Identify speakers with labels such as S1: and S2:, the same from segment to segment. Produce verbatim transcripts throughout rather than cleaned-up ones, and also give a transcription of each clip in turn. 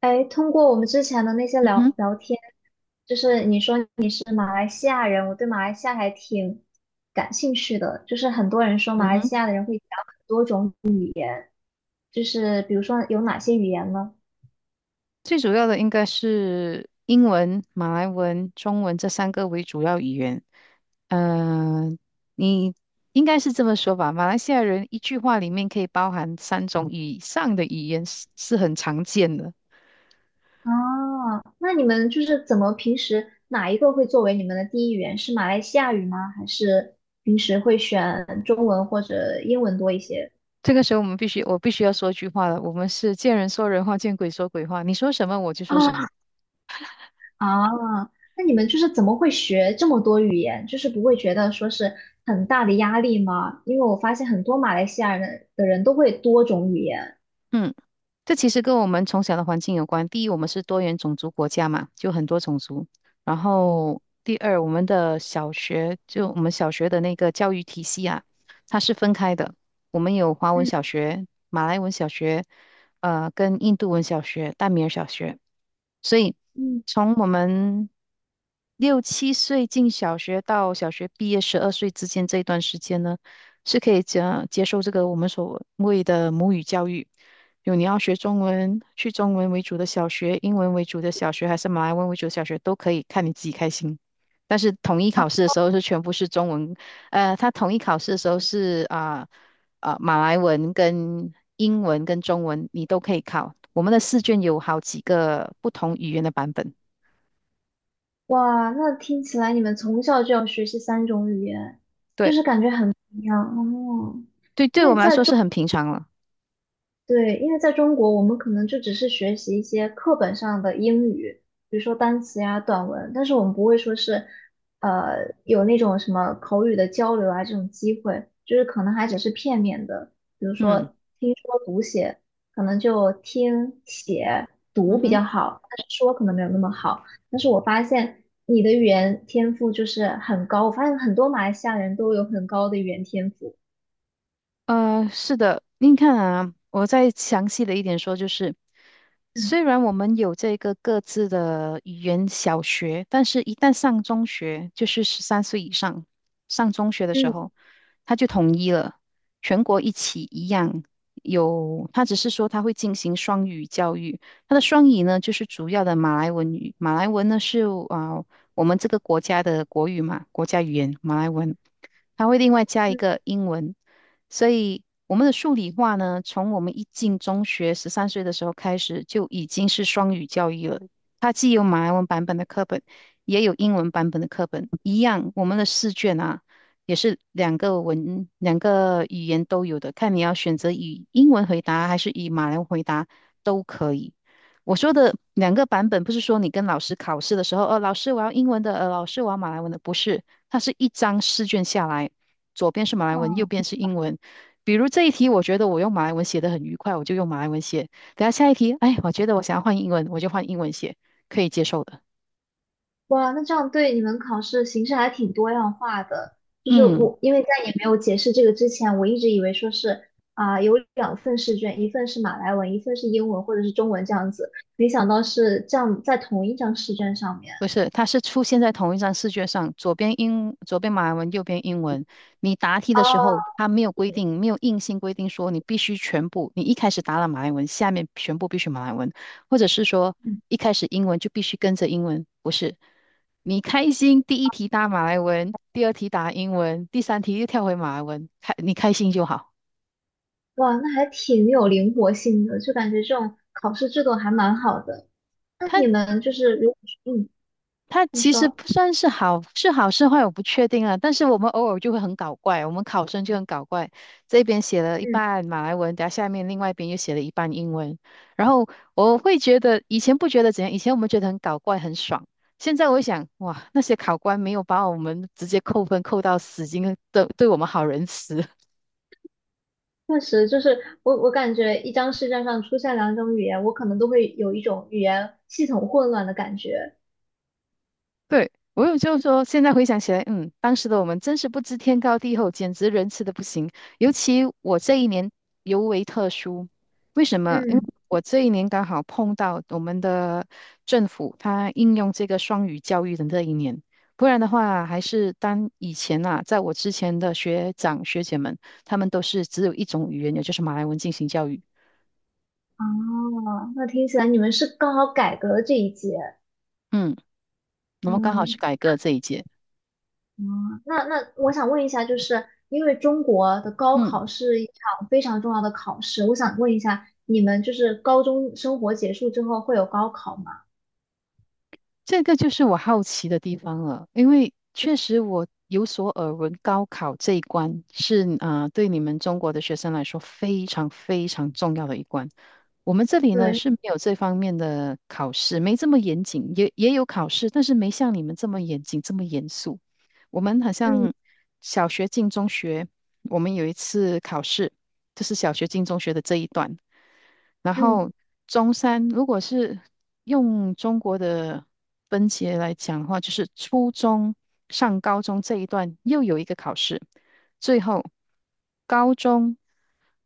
S1: 哎，通过我们之前的那些
S2: 嗯
S1: 聊
S2: 哼，
S1: 聊天，就是你说你是马来西亚人，我对马来西亚还挺感兴趣的。就是很多人说马
S2: 嗯
S1: 来
S2: 哼，
S1: 西亚的人会讲很多种，就是比如说有哪些语言呢？
S2: 最主要的应该是英文、马来文、中文这三个为主要语言。嗯、你应该是这么说吧？马来西亚人一句话里面可以包含三种以上的语言是是很常见的。
S1: 啊，那你们就是怎么平时哪一个会作为你们的第一语言？是马来西亚语吗？还是平时会选中文或者英文多一些？
S2: 这个时候我们必须，我必须要说一句话了。我们是见人说人话，见鬼说鬼话。你说什么我就说什么。
S1: 啊。啊，那你们就是怎么会学这么多语言？就是不会觉得说是很大的压力吗？因为我发现很多马来西亚人的人都会多种语言。
S2: 嗯，这其实跟我们从小的环境有关。第一，我们是多元种族国家嘛，就很多种族。然后第二，我们的小学，就我们小学的那个教育体系啊，它是分开的。我们有华文小
S1: 嗯
S2: 学、马来文小学，呃，跟印度文小学、大米尔小学。所以
S1: 嗯。
S2: 从我们六七岁进小学到小学毕业十二岁之间这一段时间呢，是可以接接受这个我们所谓的母语教育。有你要学中文，去中文为主的小学、英文为主的小学，还是马来文为主的小学，都可以，看你自己开心。但是统一考试的时候是全部是中文，呃，他统一考试的时候是啊啊、马来文跟英文跟中文你都可以考。我们的试卷有好几个不同语言的版本，
S1: 哇，那听起来你们从小就要学习三种语言
S2: 对，
S1: 一样哦。
S2: 对，对我们来说是很平常了。
S1: 对，因为在中国，我们可能就只是学习一些课本上的英语，比如说单词呀、短文，但是我们不会说是，呃，有那种什么口语的交流啊这种机会，就是可能还只是片面的，比如
S2: 嗯，
S1: 说听说读写，可能就听写
S2: 嗯
S1: 读比
S2: 哼。
S1: 较好，但是说可能没有那么好。但是我发现你的语言天赋就是很高，我发现很多马来西亚人都有很高的语言天赋。
S2: 呃，是的，您看啊，我再详细的一点说，就是
S1: 嗯
S2: 虽然我们有这个各自的语言小学，但是一旦上中学，就是十三岁以上上中学的时
S1: 嗯
S2: 候，他就统一了，全国一起一样有。他只是说他会进行双语教育，他的双语呢，就是主要的马来文语，马来文呢是啊、呃我们这个国家的国语嘛，国家语言马来文，他会另外加一个英文。所以我们的数理化呢，从我们一进中学十三岁的时候开始，就已经是双语教育了。它既有马来文版本的课本，也有英文版本的课本。一样，我们的试卷啊，也是两个文，两个语言都有的，看你要选择以英文回答还是以马来文回答都可以。我说的两个版本，不是说你跟老师考试的时候，呃，老师我要英文的，呃，老师我要马来文的，不是，它是一张试卷下来。左边是马来文，右边是英文，比如这一题，我觉得我用马来文写的很愉快，我就用马来文写。等下下一题，哎，我觉得我想要换英文，我就换英文写，可以接受的。
S1: 哇，那这样对你们考试形式还挺多样化的。就是
S2: 嗯。
S1: 我，因为在你没有解释这个之前，我一直以为说是啊、有两份试卷，一份是马来文，一份是英文或者是中文这样子，没想到是这样在同一张试卷上面。
S2: 不是，它是出现在同一张试卷上，左边英，左边马来文，右边英文。你答题的时候，
S1: 哦，
S2: 它没有规定，没有硬性规定说你必须全部，你一开始答了马来文，下面全部必须马来文，或者是说
S1: 嗯
S2: 一开始英文就必须跟着英文，不是。你开心，第一题答马来文，第二题答英文，第三题又跳回马来文，开你开心就好。
S1: 哇，那还挺有灵活性的，就感觉这种考试制度还蛮好的。那你你
S2: 它
S1: 们就是，如嗯，嗯。
S2: 它
S1: 你
S2: 其实
S1: 说
S2: 不算是好，是好是坏我不确定啊。但是我们偶尔就会很搞怪，我们考生就很搞怪，这边写了一
S1: 嗯
S2: 半马来文，等下下面另外一边又写了一半英文。然后我会觉得以前不觉得怎样，以前我们觉得很搞怪很爽，现在我会想，哇，那些考官没有把我们直接扣分扣到死，已经对对我们好仁慈。
S1: 确实，就是我，我感觉一张试卷上出现两种语言，我可能都会有一种语言系统混乱的感觉。
S2: 对，我有就是说，现在回想起来，嗯，当时的我们真是不知天高地厚，简直仁慈的不行。尤其我这一年尤为特殊，为什么？因为
S1: 嗯，
S2: 我这一年刚好碰到我们的政府，它应用这个双语教育的那一年，不然的话，还是当以前啊，在我之前的学长学姐们，他们都是只有一种语言，也就是马来文进行教育。
S1: 哦，那听起来你们是刚好改革了这一届。
S2: 嗯，我们刚好是
S1: 嗯
S2: 改革这一届。
S1: 嗯，那那我想问一下，就是因为中国的高
S2: 嗯。
S1: 考是一场非常重要的考试，我想问一下，你们就是高中生活结束之后会有高考吗？
S2: 这个就是我好奇的地方了，因为确实我有所耳闻，高考这一关是啊、呃对你们中国的学生来说非常非常重要的一关。我们这里呢
S1: 对，
S2: 是没有这方面的考试，没这么严谨，也也有考试，但是没像你们这么严谨，这么严肃。我们好
S1: 嗯
S2: 像小学进中学，我们有一次考试，就是小学进中学的这一段，然
S1: 嗯
S2: 后中山如果是用中国的分节来讲的话，就是初中上高中这一段又有一个考试，最后高中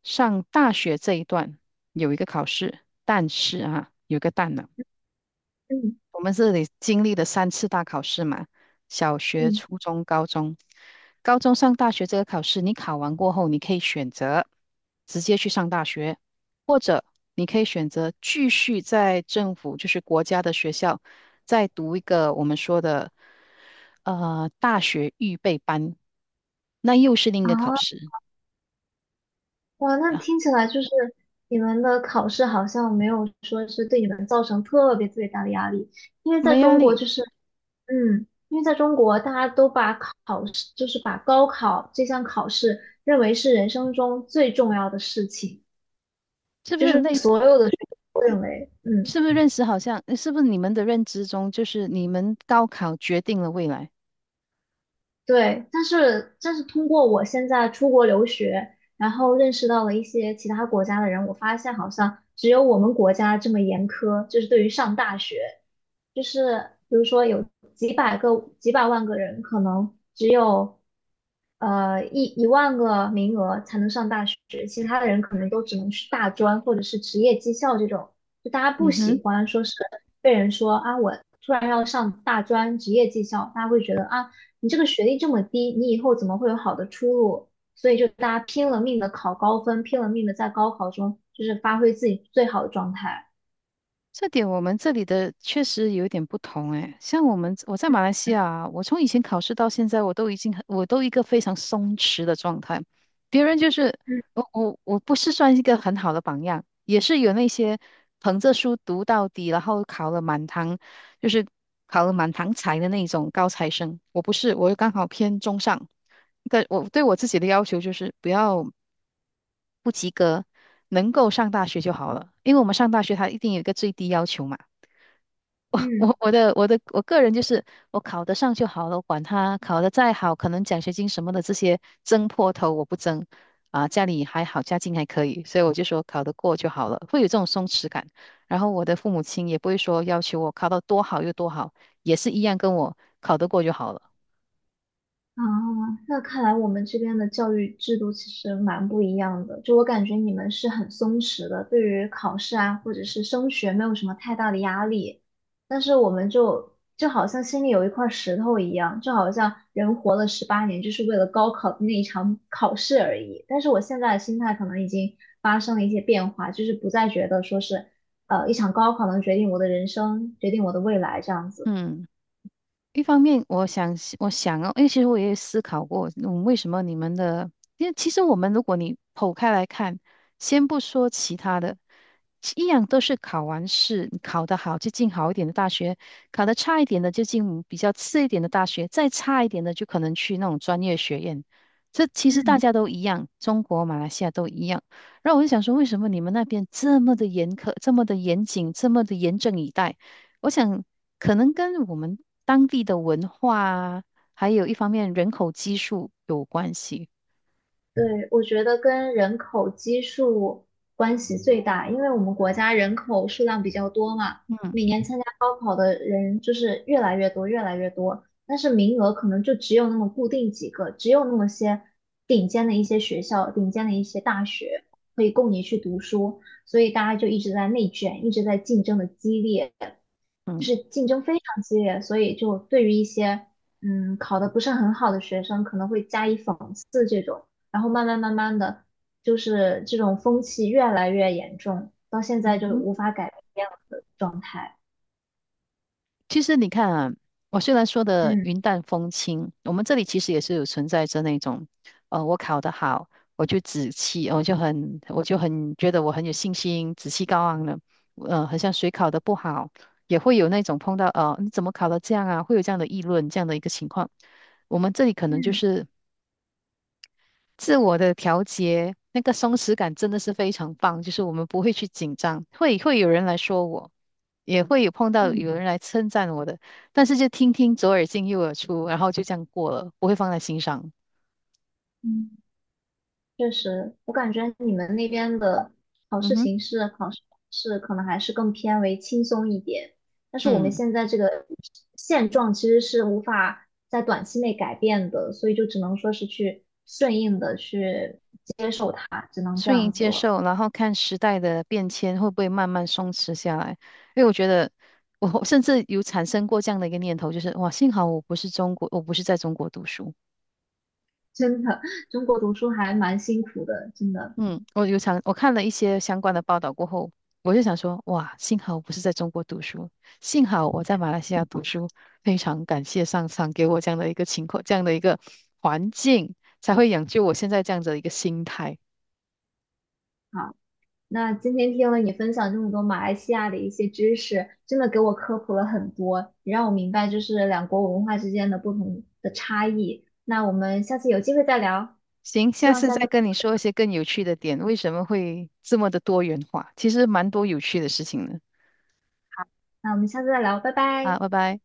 S2: 上大学这一段有一个考试，但是啊，有个个但
S1: 嗯
S2: 我们这里经历了三次大考试嘛，小学、
S1: 嗯，
S2: 初中、高中。高中上大学这个考试，你考完过后，你可以选择直接去上大学，或者你可以选择继续在政府，就是国家的学校，再读一个我们说的呃大学预备班，那又是另一个考
S1: 啊。
S2: 试
S1: 哇，那
S2: 啊，
S1: 听起来就是你们的考试好像没有说是对你们造成特别特别大的压力，因为在
S2: 没压
S1: 中国
S2: 力，
S1: 就是，嗯，因为在中国大家都把考试，就是把高考这项考试认为是人生中最重要的事情，
S2: 是不
S1: 就
S2: 是类
S1: 是
S2: 似？
S1: 所认为，
S2: 是不是
S1: 嗯。
S2: 认识好像？是不是你们的认知中，就是你们高考决定了未来？
S1: 对，但是但是通过我现在出国留学，然后认识到了一些其他国家的人，我发现好像只有我们国家这么严苛，就是对于上大学，就是比如说有几百个、几百万个人，可能只有呃一一万个名额才能上大学，其他的人可能都只能去大专或者是职业技校这种，就大家不
S2: 嗯哼。
S1: 喜欢说是被人说啊稳。大专职业技校，大家会觉得啊，你这个学历这么低，你以后怎么会有好的出路？所以就大家拼了命的考高分，拼了命的在高考中就是发挥自己最好的状态。
S2: 这点我们这里的确实有点不同诶，像我们我在马
S1: 嗯
S2: 来西亚啊我从以前考试到现在，我都已经很我都一个非常松弛的状态。别人就是
S1: 嗯。
S2: 我我我不是算一个很好的榜样，也是有那些捧着书读到底，然后考了满堂，就是考了满堂才的那种高材生。我不是，我刚好偏中上。但我对我自己的要求就是不要不及格，能够上大学就好了，因为我们上大学它一定有一个最低要求嘛。
S1: 嗯。
S2: 我我的我的我个人就是我考得上就好了，我管他考得再好，可能奖学金什么的这些争破头我不争啊，家里还好，家境还可以，所以我就说考得过就好了，会有这种松弛感。然后我的父母亲也不会说要求我考到多好又多好，也是一样跟我考得过就好了。
S1: 啊，那看来我们这边的教育制度其实蛮不一样的。就我感觉你们是很松弛的，对于考试啊或者是升学没有什么太大的压力，但是我们就就好像心里有一块石头一样，就好像人活了十八年就是为了高考的那一场考试而已。但是我现在的心态可能已经发生了一些变化，就是不再觉得说是呃一场高考能决定我的人生，决定我的未来这样子。
S2: 嗯。一方面，我想是我想哦，因为其实我也思考过，嗯，为什么你们的，因为其实我们如果你剖开来看，先不说其他的，一样都是考完试，你考得好就进好一点的大学，考得差一点的就进比较次一点的大学，再差一点的就可能去那种专业学院。这其实大
S1: 嗯。
S2: 家都一样，中国、马来西亚都一样。然后我就想说，为什么你们那边这么的严苛，这么的严谨，这么的严阵以待？我想可能跟我们当地的文化啊，还有一方面人口基数有关系。
S1: 对，我觉得跟人口基数关系最大，因为我们国家人口数量比较多嘛，
S2: 嗯，
S1: 每年参加高考的人就是越来越多，越来越多，但是名额可能就只有那么固定几个，只有那么些顶尖的一些学校、顶尖的一些大学可以供你去读书，所以大家就一直在内卷，一直在竞争的激烈。就
S2: 嗯，
S1: 是竞争非常激烈，所以就对于一些嗯考得不是很好的学生，可能会加以讽刺这种，然后慢慢慢慢的，就是这种风气越来越严重，到现在
S2: 嗯
S1: 就
S2: 哼，
S1: 无法改变了的状态。
S2: 其实你看啊，我虽然说的
S1: 嗯
S2: 云淡风轻，我们这里其实也是有存在着那种，呃，我考得好，我就紫气，我就很，我就很觉得我很有信心，紫气高昂了。呃，很像谁考得不好，也会有那种碰到，呃，你怎么考得这样啊？会有这样的议论，这样的一个情况。我们这里可能就
S1: 嗯
S2: 是。自我的调节，那个松弛感真的是非常棒，就是我们不会去紧张，会会有人来说我，也会有碰到
S1: 嗯
S2: 有人来称赞我的，但是就听听左耳进右耳出，然后就这样过了，不会放在心上。
S1: 嗯。确实，我感觉你们那边的考
S2: 嗯
S1: 试
S2: 哼，
S1: 形式、考试方式可能还是更偏为轻松一点，但是我们
S2: 嗯，
S1: 现在这个现状其实是无法在短期内改变的，所以就只能说是去顺应的去接受它，只能这
S2: 顺应
S1: 样子
S2: 接
S1: 了。
S2: 受，然后看时代的变迁会不会慢慢松弛下来，因为我觉得。我甚至有产生过这样的一个念头，就是哇，幸好我不是中国，我不是在中国读书。
S1: 真的，中国读书还蛮辛苦的，真的。
S2: 嗯，我有想，我看了一些相关的报道过后，我就想说，哇，幸好我不是在中国读书，幸好我在马来西亚读书，非常感谢上苍给我这样的一个情况，这样的一个环境，才会养就我现在这样子的一个心态。
S1: 啊。那今天听了你分享这么多马来西亚的一些知识，真的给我科普了很多，也让我明白就是两国文化之间的不同的差异。那我们下次有机会再聊，
S2: 行，
S1: 希
S2: 下
S1: 望
S2: 次
S1: 下
S2: 再
S1: 次，
S2: 跟你说一些更有趣的点，为什么会这么的多元化？其实蛮多有趣的事情的。
S1: 那我们下次再聊，拜
S2: 啊，
S1: 拜。
S2: 拜拜。